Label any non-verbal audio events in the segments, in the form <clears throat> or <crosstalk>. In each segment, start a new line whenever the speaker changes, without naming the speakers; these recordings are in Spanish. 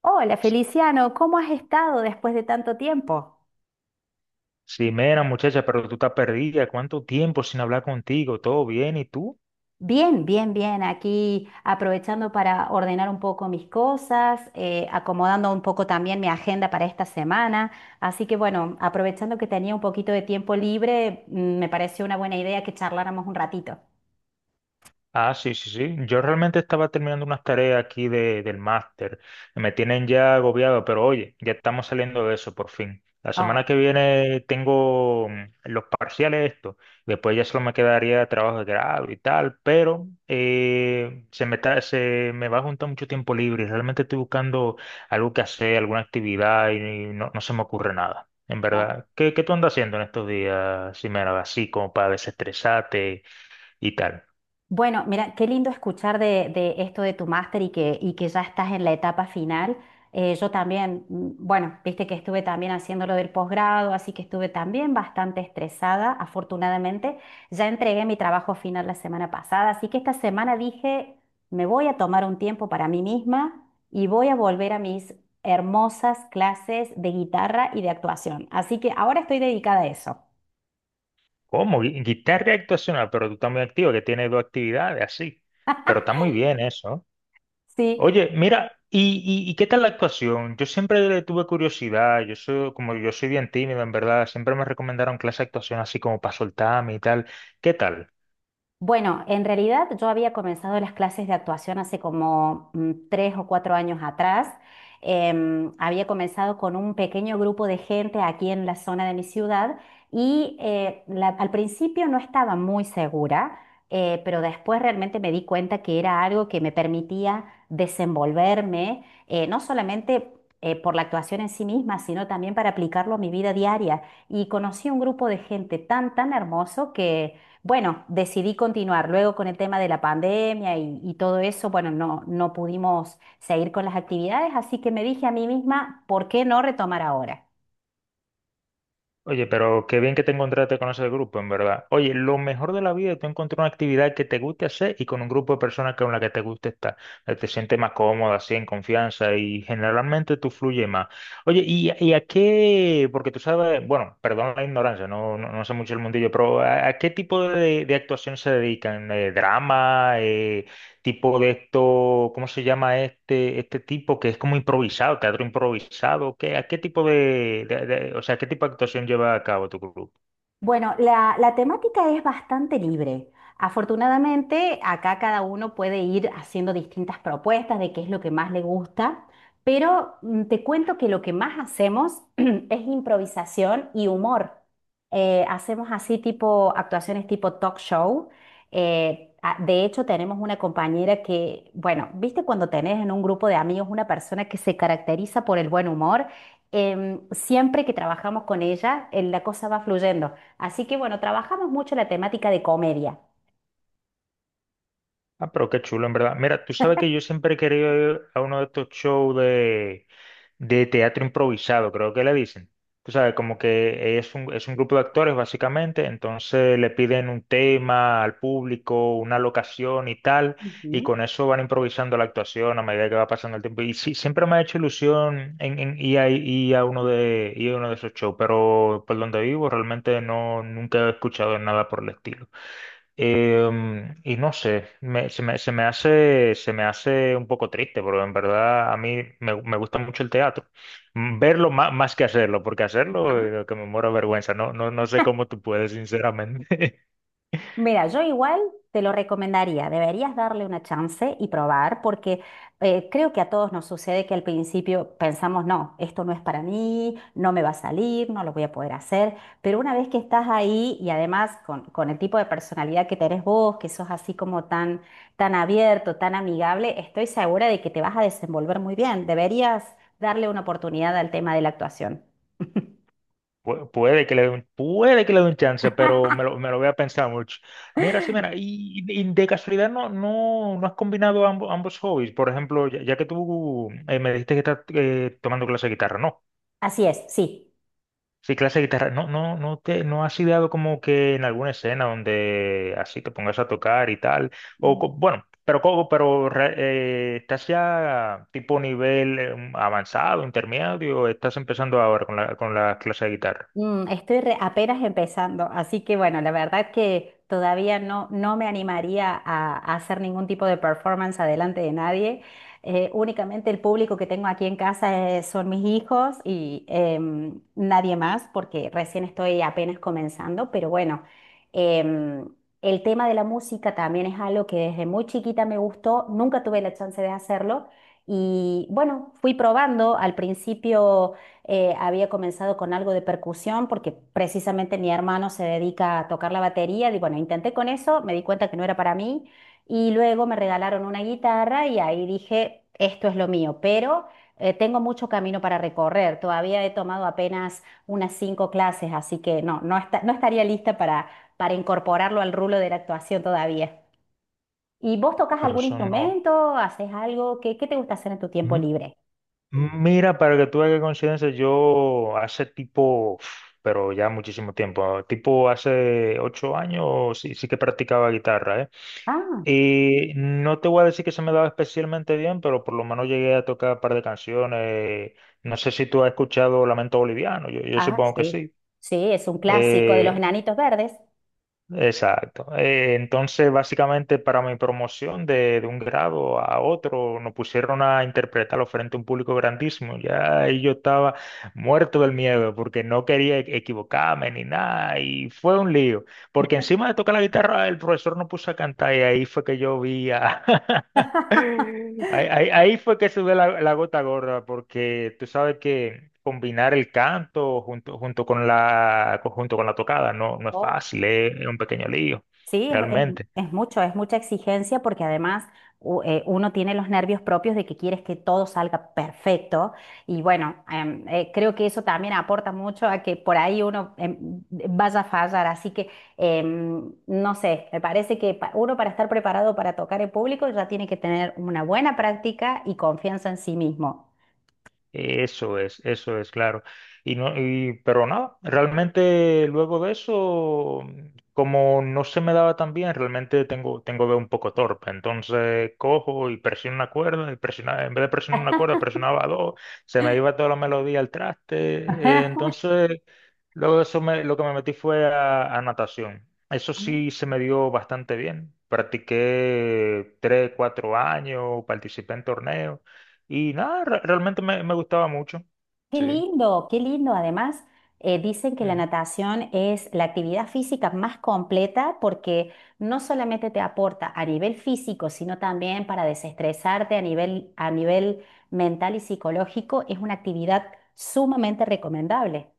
Hola Feliciano, ¿cómo has estado después de tanto tiempo?
Sí, mera, muchacha, pero tú estás perdida. ¿Cuánto tiempo sin hablar contigo? ¿Todo bien? ¿Y tú?
Bien, bien, bien, aquí aprovechando para ordenar un poco mis cosas, acomodando un poco también mi agenda para esta semana. Así que bueno, aprovechando que tenía un poquito de tiempo libre, me pareció una buena idea que charláramos un ratito.
Ah, sí, sí, sí. Yo realmente estaba terminando unas tareas aquí del máster. Me tienen ya agobiado, pero oye, ya estamos saliendo de eso por fin. La semana
Oh,
que viene tengo los parciales estos. Después ya solo me quedaría trabajo de grado y tal, pero se me va a juntar mucho tiempo libre. Realmente estoy buscando algo que hacer, alguna actividad no, no se me ocurre nada. En
oh.
verdad, ¿ qué tú andas haciendo en estos días, Ximena? Así como para desestresarte y tal.
Bueno, mira, qué lindo escuchar de esto de tu máster y que ya estás en la etapa final. Yo también, bueno, viste que estuve también haciendo lo del posgrado, así que estuve también bastante estresada. Afortunadamente, ya entregué mi trabajo final la semana pasada, así que esta semana dije, me voy a tomar un tiempo para mí misma y voy a volver a mis hermosas clases de guitarra y de actuación. Así que ahora estoy dedicada a eso.
¿Cómo? Guitarra actuacional, pero tú estás muy activo, que tienes dos actividades así. Pero
<laughs>
está muy bien eso.
Sí,
Oye, mira, ¿ y qué tal la actuación? Yo siempre le tuve curiosidad, yo soy bien tímido, en verdad, siempre me recomendaron clase de actuación así como para soltarme y tal. ¿Qué tal?
bueno, en realidad yo había comenzado las clases de actuación hace como tres o cuatro años atrás. Había comenzado con un pequeño grupo de gente aquí en la zona de mi ciudad y al principio no estaba muy segura, pero después realmente me di cuenta que era algo que me permitía desenvolverme, no solamente... por la actuación en sí misma, sino también para aplicarlo a mi vida diaria. Y conocí un grupo de gente tan, tan hermoso que bueno, decidí continuar. Luego con el tema de la pandemia y todo eso, bueno, no, no pudimos seguir con las actividades, así que me dije a mí misma, ¿por qué no retomar ahora?
Oye, pero qué bien que te encontraste con ese grupo, en verdad. Oye, lo mejor de la vida es tú encontrar una actividad que te guste hacer y con un grupo de personas con la que te guste estar. Te sientes más cómoda, así, en confianza y generalmente tú fluyes más. Oye, ¿y a qué? Porque tú sabes, bueno, perdón la ignorancia, no sé mucho el mundillo, pero ¿ a qué tipo de actuación se dedican? ¿Eh? ¿Drama? Tipo de esto, ¿cómo se llama este tipo que es como improvisado, teatro improvisado? ¿Qué, a qué tipo de- o sea, Qué tipo de actuación lleva a cabo tu grupo?
Bueno, la temática es bastante libre. Afortunadamente, acá cada uno puede ir haciendo distintas propuestas de qué es lo que más le gusta, pero te cuento que lo que más hacemos <clears throat> es improvisación y humor. Hacemos así tipo actuaciones tipo talk show. De hecho, tenemos una compañera que, bueno, viste cuando tenés en un grupo de amigos una persona que se caracteriza por el buen humor. Siempre que trabajamos con ella, la cosa va fluyendo. Así que bueno, trabajamos mucho la temática de comedia.
Ah, pero qué chulo, en verdad. Mira, tú sabes que yo siempre he querido ir a uno de estos shows de teatro improvisado, creo que le dicen. Tú sabes, como que es un grupo de actores, básicamente, entonces le piden un tema al público, una locación y tal, y
Ujú,
con eso van improvisando la actuación a medida que va pasando el tiempo. Y sí, siempre me ha hecho ilusión en ir a uno de esos shows, pero por donde vivo realmente no, nunca he escuchado nada por el estilo. Y no sé, me- se me, se me hace un poco triste, porque en verdad me gusta mucho el teatro. Verlo más, más que hacerlo, porque hacerlo
ajá.
lo que me muero de vergüenza. No, no, no sé cómo tú puedes, sinceramente. <laughs>
Mira, yo igual te lo recomendaría, deberías darle una chance y probar, porque creo que a todos nos sucede que al principio pensamos, no, esto no es para mí, no me va a salir, no lo voy a poder hacer, pero una vez que estás ahí y además con el tipo de personalidad que tenés vos, que sos así como tan, tan abierto, tan amigable, estoy segura de que te vas a desenvolver muy bien, deberías darle una oportunidad al tema de la actuación. <laughs>
Puede que le dé un chance, pero me lo voy a pensar mucho. Mira, sí, mira, y de casualidad no has combinado ambos, ambos hobbies. Por ejemplo, ya que tú me dijiste que estás tomando clase de guitarra, ¿no?
Así es, sí.
Sí, clase de guitarra. No has ideado como que en alguna escena donde así te pongas a tocar y tal. O
Mm,
co- bueno, pero como, pero re- Estás ya tipo nivel avanzado, intermedio, o estás empezando ahora con con la clase de guitarra.
Estoy apenas empezando, así que bueno, la verdad que todavía no, no me animaría a hacer ningún tipo de performance adelante de nadie. Únicamente el público que tengo aquí en casa son mis hijos y nadie más, porque recién estoy apenas comenzando, pero bueno, em, el tema de la música también es algo que desde muy chiquita me gustó, nunca tuve la chance de hacerlo y bueno, fui probando al principio. Había comenzado con algo de percusión porque precisamente mi hermano se dedica a tocar la batería. Y bueno, intenté con eso, me di cuenta que no era para mí y luego me regalaron una guitarra y ahí dije, esto es lo mío, pero tengo mucho camino para recorrer. Todavía he tomado apenas unas cinco clases, así que no, no, no estaría lista para incorporarlo al rulo de la actuación todavía. ¿Y vos tocas
Pero
algún
eso no.
instrumento? ¿Haces algo? ¿Qué, qué te gusta hacer en tu tiempo
M-
libre?
Mira, para que tú hagas coincidencia, yo hace tipo, uf, pero ya muchísimo tiempo, tipo hace 8 años sí que practicaba guitarra, ¿eh?
Ah.
Y no te voy a decir que se me daba especialmente bien, pero por lo menos llegué a tocar un par de canciones. No sé si tú has escuchado Lamento Boliviano, yo
Ah,
supongo que
sí.
sí.
Sí, es un clásico de los
Eh,
enanitos verdes.
exacto. Entonces, básicamente para mi promoción de un grado a otro, nos pusieron a interpretarlo frente a un público grandísimo. Ya ahí yo estaba muerto del miedo porque no quería equivocarme ni nada y fue un lío. Porque encima de tocar la guitarra, el profesor nos puso a cantar y ahí fue que yo vi a... <laughs>
<laughs>
Ahí fue que sube la gota gorda, porque tú sabes que combinar el canto junto con la tocada no, no es
Oh,
fácil, es un pequeño lío,
sí,
realmente.
es mucho, es mucha exigencia porque además uno tiene los nervios propios de que quieres que todo salga perfecto y bueno, creo que eso también aporta mucho a que por ahí uno vaya a fallar, así que no sé, me parece que uno para estar preparado para tocar en público ya tiene que tener una buena práctica y confianza en sí mismo.
Eso es, claro. Y no, y, pero nada, realmente luego de eso, como no se me daba tan bien, realmente tengo dedo un poco torpe. Entonces cojo y presiono una cuerda, en vez de presionar una cuerda, presionaba dos, se me iba toda la melodía al traste.
<laughs>
Entonces, luego de eso me- lo que me metí fue a natación. Eso sí se me dio bastante bien. Practiqué 3, 4 años, participé en torneos. Y nada, realmente me gustaba mucho.
Qué
Sí.
lindo, qué lindo. Además, dicen que la
Ujú.
natación es la actividad física más completa porque no solamente te aporta a nivel físico, sino también para desestresarte a nivel mental y psicológico. Es una actividad sumamente recomendable.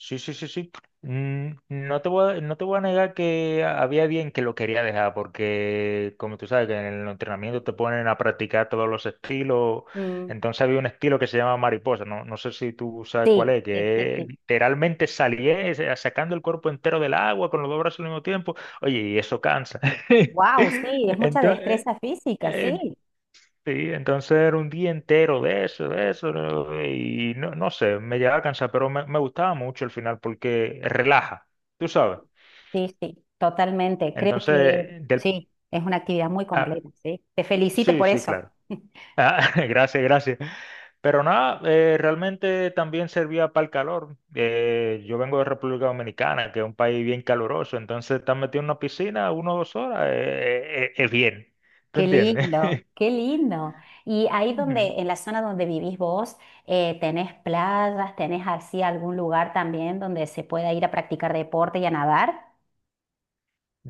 Sí, sí, sí, sí. No te voy a negar que había bien que lo quería dejar, porque como tú sabes que en el entrenamiento te ponen a practicar todos los estilos,
Mm.
entonces había un estilo que se llama mariposa, no, no sé si tú sabes cuál
Sí,
es,
sí, sí,
que es
sí.
literalmente salir sacando el cuerpo entero del agua con los dos brazos al mismo tiempo. Oye, y eso cansa. <laughs>
Wow, sí, es mucha
Entonces,
destreza física,
eh,
sí,
Sí, entonces era un día entero de eso, ¿no? Y no sé, me llegaba a cansar, pero me gustaba mucho el final porque relaja, tú sabes.
sí, sí, totalmente. Creo que
Entonces, del,
sí, es una actividad muy
ah,
completa, sí. Te felicito
sí,
por
sí,
eso.
claro.
<laughs>
Ah, <laughs> gracias, gracias. Pero nada, realmente también servía para el calor. Yo vengo de República Dominicana, que es un país bien caluroso, entonces estar metido en una piscina 1 o 2 horas es bien, ¿tú
Qué
entiendes?
lindo, qué lindo. Y ahí donde, en
<laughs>
la zona donde vivís vos, ¿tenés playas, tenés así algún lugar también donde se pueda ir a practicar deporte y a nadar?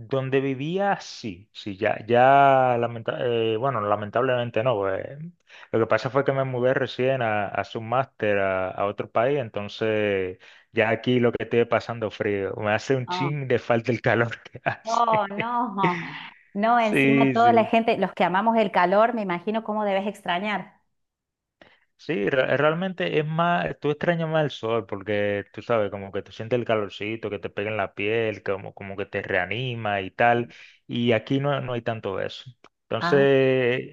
Donde vivía, sí, sí, lamentablemente no, pues, lo que pasa fue que me mudé recién a hacer un máster a otro país, entonces ya aquí lo que estoy pasando frío, me hace un
Ah.
chin de falta el calor que hace.
Oh,
<laughs>
no, no, encima
Sí,
toda la
sí.
gente, los que amamos el calor, me imagino cómo debes extrañar.
Sí, realmente es más, tú extrañas más el sol porque tú sabes, como que tú sientes el calorcito que te pega en la piel, como que te reanima y tal, y aquí no, no hay tanto eso. Entonces,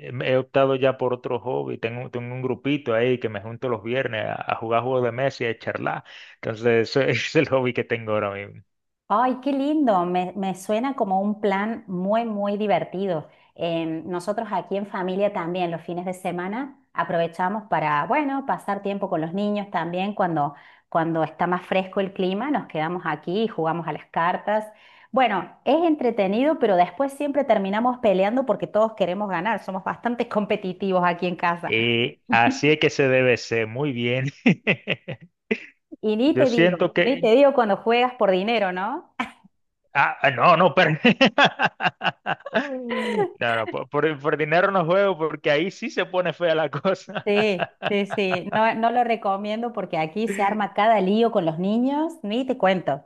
he optado ya por otro hobby, tengo un grupito ahí que me junto los viernes a jugar juegos de mesa y a charlar, entonces ese <laughs> es el hobby que tengo ahora mismo.
Ay, qué lindo, me suena como un plan muy, muy divertido. Nosotros aquí en familia también los fines de semana aprovechamos para, bueno, pasar tiempo con los niños también cuando, cuando está más fresco el clima, nos quedamos aquí y jugamos a las cartas. Bueno, es entretenido, pero después siempre terminamos peleando porque todos queremos ganar, somos bastante <laughs> competitivos aquí en casa.
Y así es que se debe ser, muy bien. <laughs>
Y ni
Yo
te digo,
siento
ni
que,
te digo cuando juegas por dinero, ¿no?
Ah, ah, no, no, pero... <laughs> No, por dinero no juego porque ahí sí se pone fea la cosa. <laughs>
Sí, sí, sí. No, no lo recomiendo porque aquí se arma cada lío con los niños, ni te cuento.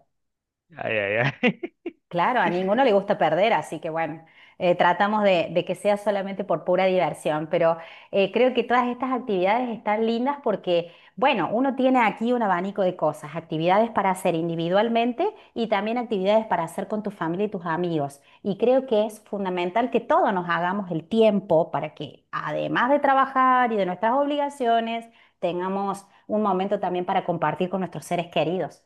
Ay, ay, ay. <laughs>
Claro, a ninguno le gusta perder, así que bueno, tratamos de que sea solamente por pura diversión, pero creo que todas estas actividades están lindas porque, bueno, uno tiene aquí un abanico de cosas, actividades para hacer individualmente y también actividades para hacer con tu familia y tus amigos. Y creo que es fundamental que todos nos hagamos el tiempo para que, además de trabajar y de nuestras obligaciones, tengamos un momento también para compartir con nuestros seres queridos.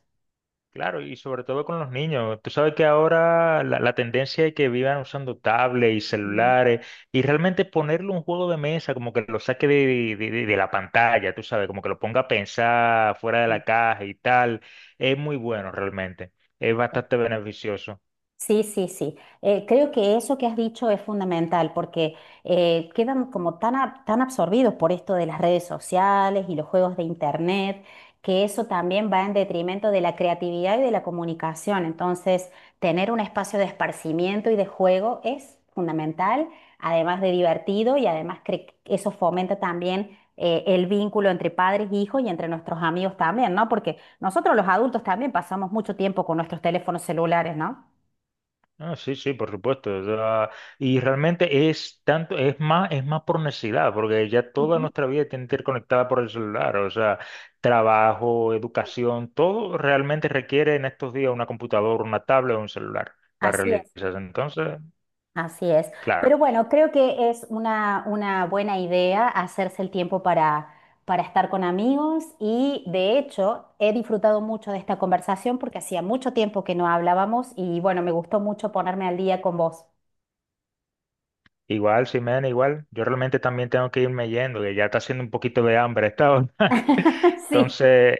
Claro, y sobre todo con los niños. Tú sabes que ahora la tendencia es que vivan usando tablets y
Mm.
celulares y realmente ponerle un juego de mesa como que lo saque de la pantalla, tú sabes, como que lo ponga a pensar fuera de
Sí.
la caja y tal, es muy bueno realmente. Es bastante beneficioso.
Sí, sí, sí. Creo que eso que has dicho es fundamental porque quedan como tan, tan absorbidos por esto de las redes sociales y los juegos de internet, que eso también va en detrimento de la creatividad y de la comunicación. Entonces, tener un espacio de esparcimiento y de juego es fundamental, además de divertido y además eso fomenta también el vínculo entre padres e hijos y entre nuestros amigos también, ¿no? Porque nosotros los adultos también pasamos mucho tiempo con nuestros teléfonos celulares, ¿no?
Ah, sí, sí, por supuesto. O sea, y realmente es tanto, es más por necesidad, porque ya toda
Ujú.
nuestra vida tiene que ir conectada por el celular. O sea, trabajo, educación, todo realmente requiere en estos días una computadora, una tablet o un celular para
Así es,
realizarse. Entonces,
así es.
claro,
Pero bueno, creo que es una buena idea hacerse el tiempo para estar con amigos y de hecho he disfrutado mucho de esta conversación porque hacía mucho tiempo que no hablábamos y bueno, me gustó mucho ponerme al día con vos.
igual, Ximena, igual, yo realmente también tengo que irme yendo, que ya está haciendo un poquito de hambre esta hora. <laughs>
<laughs> Sí.
Entonces,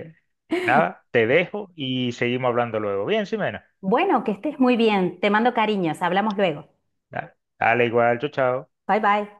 nada, te dejo y seguimos hablando luego. Bien, Ximena.
Bueno, que estés muy bien. Te mando cariños. Hablamos luego.
Dale, igual, chao, chao.
Bye bye.